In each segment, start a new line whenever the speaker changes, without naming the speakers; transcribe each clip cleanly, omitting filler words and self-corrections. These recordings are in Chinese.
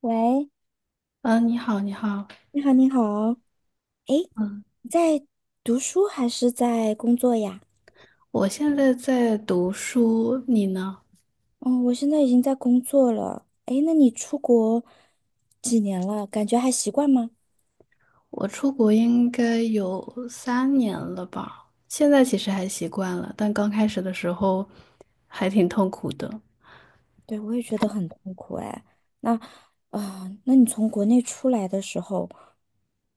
喂，
嗯，你好，你好。
你好，你好。诶，
嗯，
你在读书还是在工作呀？
我现在在读书，你呢？
哦，我现在已经在工作了。诶，那你出国几年了？感觉还习惯吗？
我出国应该有3年了吧，现在其实还习惯了，但刚开始的时候还挺痛苦的。
对，我也觉得很痛苦哎。那，那你从国内出来的时候，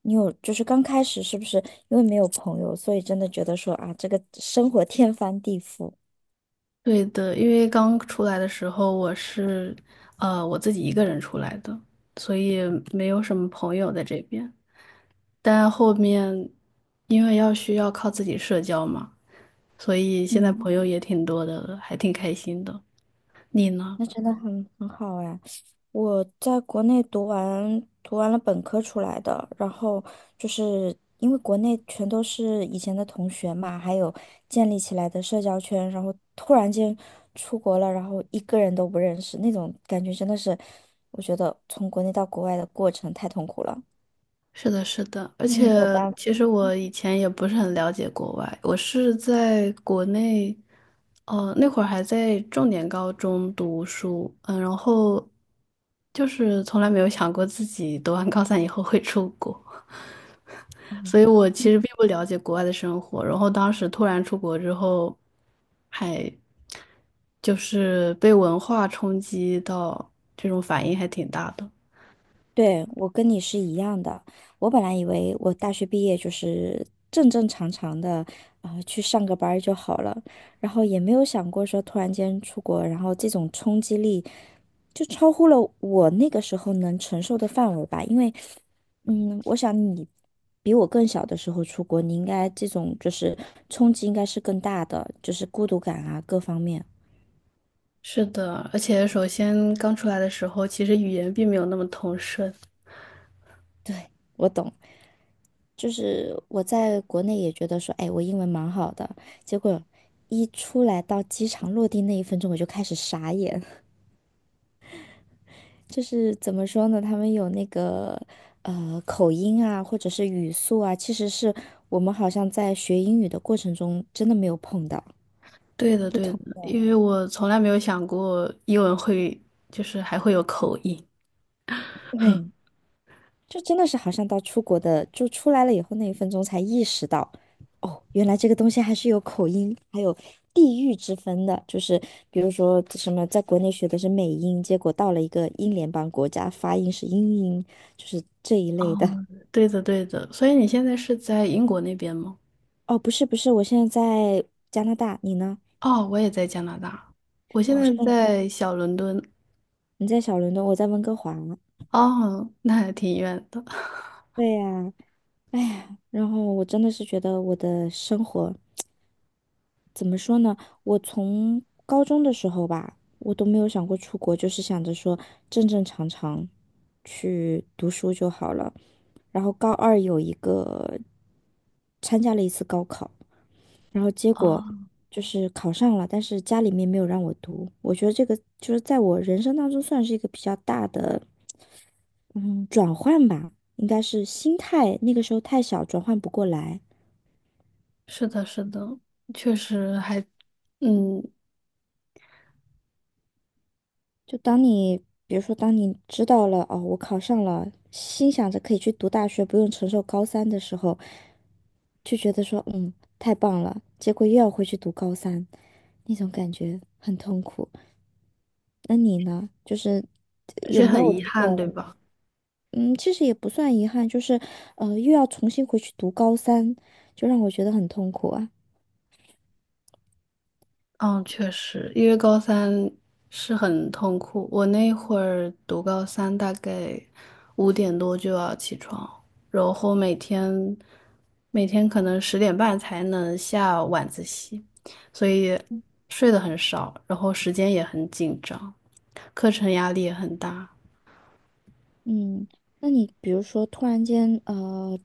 你有就是刚开始是不是因为没有朋友，所以真的觉得说啊，这个生活天翻地覆？
对的，因为刚出来的时候我是，我自己一个人出来的，所以没有什么朋友在这边。但后面因为需要靠自己社交嘛，所以现在
嗯。
朋友也挺多的了，还挺开心的。你呢？
那真的很好哎！我在国内读完了本科出来的，然后就是因为国内全都是以前的同学嘛，还有建立起来的社交圈，然后突然间出国了，然后一个人都不认识，那种感觉真的是，我觉得从国内到国外的过程太痛苦了，
是的，是的。而
嗯，
且
没有办法。
其实我以前也不是很了解国外，我是在国内，那会儿还在重点高中读书，嗯，然后就是从来没有想过自己读完高三以后会出国，所以我其实并不了解国外的生活，然后当时突然出国之后，还就是被文化冲击到，这种反应还挺大的。
对，我跟你是一样的。我本来以为我大学毕业就是正正常常的，去上个班儿就好了，然后也没有想过说突然间出国，然后这种冲击力就超乎了我那个时候能承受的范围吧。因为，我想你比我更小的时候出国，你应该这种就是冲击应该是更大的，就是孤独感啊各方面。
是的，而且首先刚出来的时候，其实语言并没有那么通顺。
我懂。就是我在国内也觉得说，哎，我英文蛮好的，结果一出来到机场落地那一分钟，我就开始傻眼。就是怎么说呢？他们有那个口音啊，或者是语速啊，其实是我们好像在学英语的过程中真的没有碰到，
对的，
不
对
同
的，
的。
因为我从来没有想过英文会，就是还会有口音。
对，就真的是好像到出国的，就出来了以后那一分钟才意识到，哦，原来这个东西还是有口音，还有地域之分的。就是比如说什么，在国内学的是美音，结果到了一个英联邦国家，发音是英音，就是这一类的。
哦，对的，对的。所以你现在是在英国那边吗？
哦，不是不是，我现在在加拿大，你呢？
哦，我也在加拿大，我现
哦，是
在
吗？
在小伦敦。
你在小伦敦，我在温哥华。
哦，那还挺远的。
对呀，哎呀，然后我真的是觉得我的生活。怎么说呢？我从高中的时候吧，我都没有想过出国，就是想着说正正常常去读书就好了。然后高二有一个参加了一次高考，然后结果
哦，
就是考上了，但是家里面没有让我读。我觉得这个就是在我人生当中算是一个比较大的嗯转换吧，应该是心态，那个时候太小，转换不过来。
是的，是的，确实还，嗯，
就当你，比如说，当你知道了哦，我考上了，心想着可以去读大学，不用承受高三的时候，就觉得说，太棒了。结果又要回去读高三，那种感觉很痛苦。那你呢？就是
而
有
且
没
很
有
遗
这
憾，对
种，
吧？
嗯，其实也不算遗憾，就是又要重新回去读高三，就让我觉得很痛苦啊。
嗯，确实，因为高三是很痛苦。我那会儿读高三，大概5点多就要起床，然后每天可能10点半才能下晚自习，所以睡得很少，然后时间也很紧张，课程压力也很大。
嗯，那你比如说突然间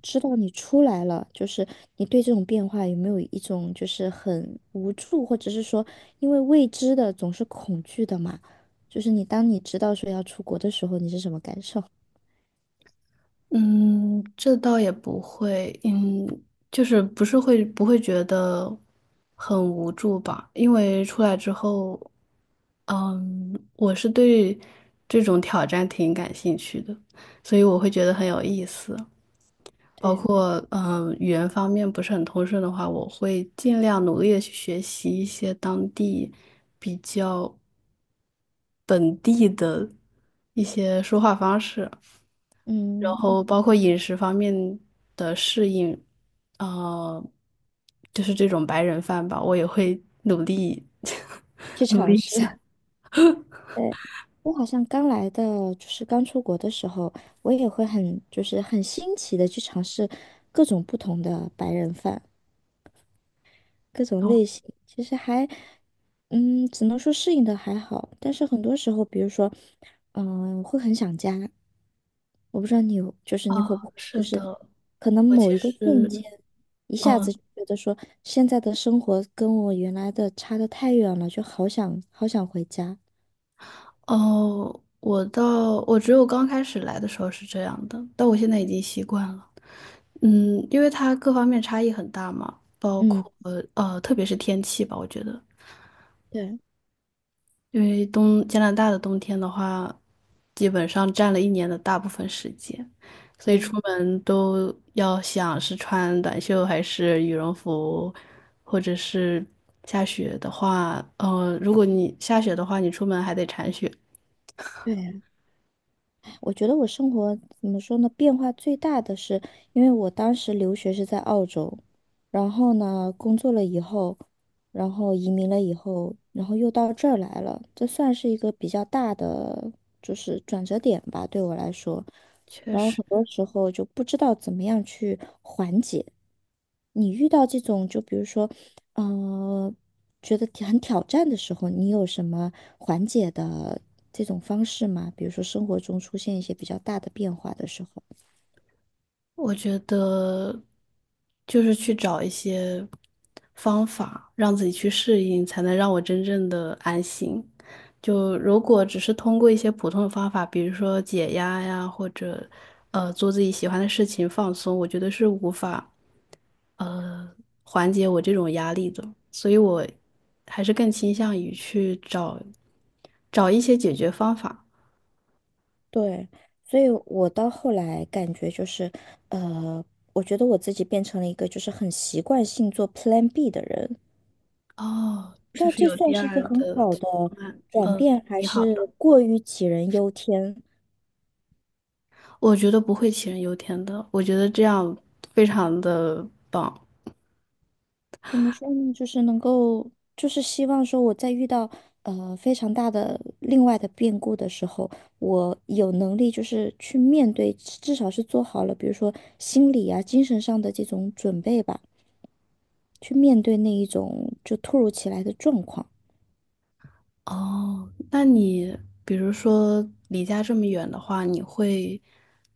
知道你出来了，就是你对这种变化有没有一种就是很无助，或者是说因为未知的总是恐惧的嘛？就是你当你知道说要出国的时候，你是什么感受
嗯，这倒也不会。嗯，就是不是会不会觉得很无助吧？因为出来之后。我是对这种挑战挺感兴趣的，所以我会觉得很有意思。包
对，
括语言方面不是很通顺的话，我会尽量努力的去学习一些当地比较本地的一些说话方式。然
嗯，
后包括饮食方面的适应，呃，就是这种白人饭吧，我也会努力
去
努
尝
力一
试。
下。
对，我好像刚来的，就是刚出国的时候，我也会很就是很新奇的去尝试各种不同的白人饭。各种类型，其实还，只能说适应的还好，但是很多时候，比如说，会很想家。我不知道你有，就是你会
哦，
不会，
是
就
的。
是可能
我其
某一个瞬
实，
间，一下子
哦，
就觉得说现在的生活跟我原来的差的太远了，就好想好想回家。
我只有刚开始来的时候是这样的，但我现在已经习惯了。嗯，因为它各方面差异很大嘛，包
嗯，
括特别是天气吧，我觉得，
对
因为加拿大的冬天的话，基本上占了一年的大部分时间，所以
对
出门都要想是穿短袖还是羽绒服，或者是下雪的话，如果你下雪的话，你出门还得铲雪。
对啊，我觉得我生活怎么说呢，变化最大的是，因为我当时留学是在澳洲，然后呢，工作了以后，然后移民了以后，然后又到这儿来了，这算是一个比较大的就是转折点吧，对我来说。
确
然后
实，
很多时候就不知道怎么样去缓解。你遇到这种，就比如说呃，觉得很挑战的时候，你有什么缓解的这种方式吗？比如说生活中出现一些比较大的变化的时候。
我觉得就是去找一些方法，让自己去适应，才能让我真正的安心。就如果只是通过一些普通的方法，比如说解压呀，或者做自己喜欢的事情放松，我觉得是无法呃缓解我这种压力的。所以我还是更倾向于去找一些解决方法。
对，所以我到后来感觉就是，呃，我觉得我自己变成了一个就是很习惯性做 Plan B 的人，
哦，
不知
就
道
是
这
有第
算是一个
二
很
的
好的
方案，
转
嗯，
变，还
挺好
是
的。
过于杞人忧天。
我觉得不会杞人忧天的，我觉得这样非常的棒。
怎么说呢？就是能够，就是希望说我在遇到非常大的另外的变故的时候，我有能力就是去面对，至少是做好了，比如说心理啊、精神上的这种准备吧，去面对那一种就突如其来的状况。
哦，那你比如说离家这么远的话，你会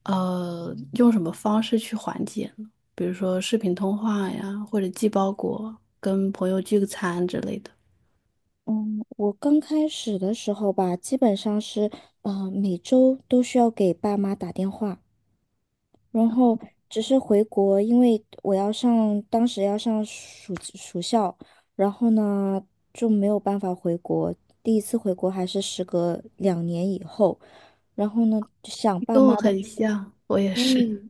用什么方式去缓解呢？比如说视频通话呀，或者寄包裹、跟朋友聚个餐之类的。
嗯，我刚开始的时候吧，基本上是啊，每周都需要给爸妈打电话。然后只是回国，因为我要上，当时要上暑校，然后呢就没有办法回国。第一次回国还是时隔2年以后，然后呢就想
你
爸
跟我
妈的，
很像，我也
对，
是。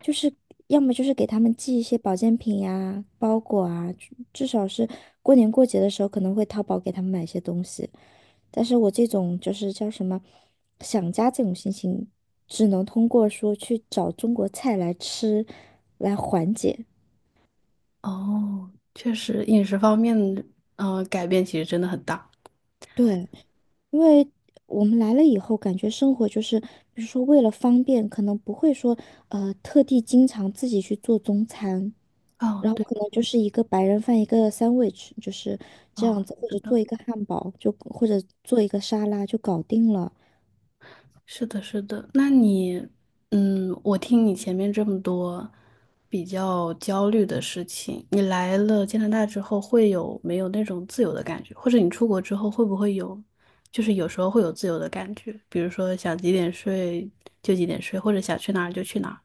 就是要么就是给他们寄一些保健品呀、包裹啊，至少是过年过节的时候可能会淘宝给他们买一些东西。但是我这种就是叫什么想家这种心情，只能通过说去找中国菜来吃来缓解。
哦，确实饮食方面，嗯，改变其实真的很大。
对。因为我们来了以后，感觉生活就是，比如说为了方便，可能不会说特地经常自己去做中餐，
哦，
然后
对，
可能就是一个白人饭，一个 sandwich,就是这样
哦，
子，或
是
者做
的。
一个汉堡，就或者做一个沙拉就搞定了。
是的，是的。那你，嗯，我听你前面这么多比较焦虑的事情，你来了加拿大之后会有没有那种自由的感觉？或者你出国之后会不会有，就是有时候会有自由的感觉，比如说想几点睡就几点睡，或者想去哪儿就去哪儿。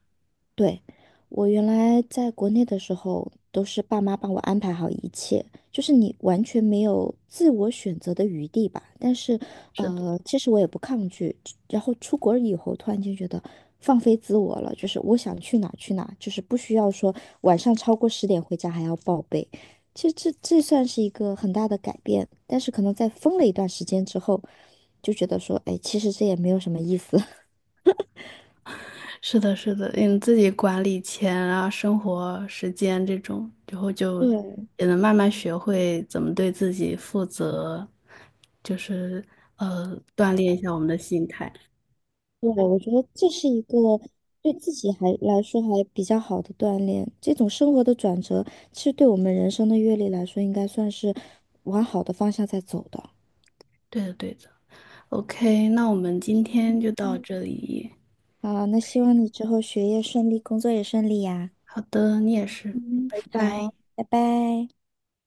对，我原来在国内的时候，都是爸妈帮我安排好一切，就是你完全没有自我选择的余地吧。但是，其实我也不抗拒。然后出国以后，突然间觉得放飞自我了，就是我想去哪儿去哪儿，就是不需要说晚上超过10点回家还要报备。其实这算是一个很大的改变，但是可能在疯了一段时间之后，就觉得说，哎，其实这也没有什么意思。
是的，是的，你自己管理钱啊、生活时间这种，然后 就
对，
也能慢慢学会怎么对自己负责，就是锻炼一下我们的心态。
对，我觉得这是一个对自己还来说还比较好的锻炼。这种生活的转折，其实对我们人生的阅历来说，应该算是往好的方向在走的。
对的，对的。OK，那我们今天就到
嗯
这里。
好，那希望你之后学业顺利，工作也顺利呀。
好的，你也是，
嗯。
拜拜。
好，拜拜。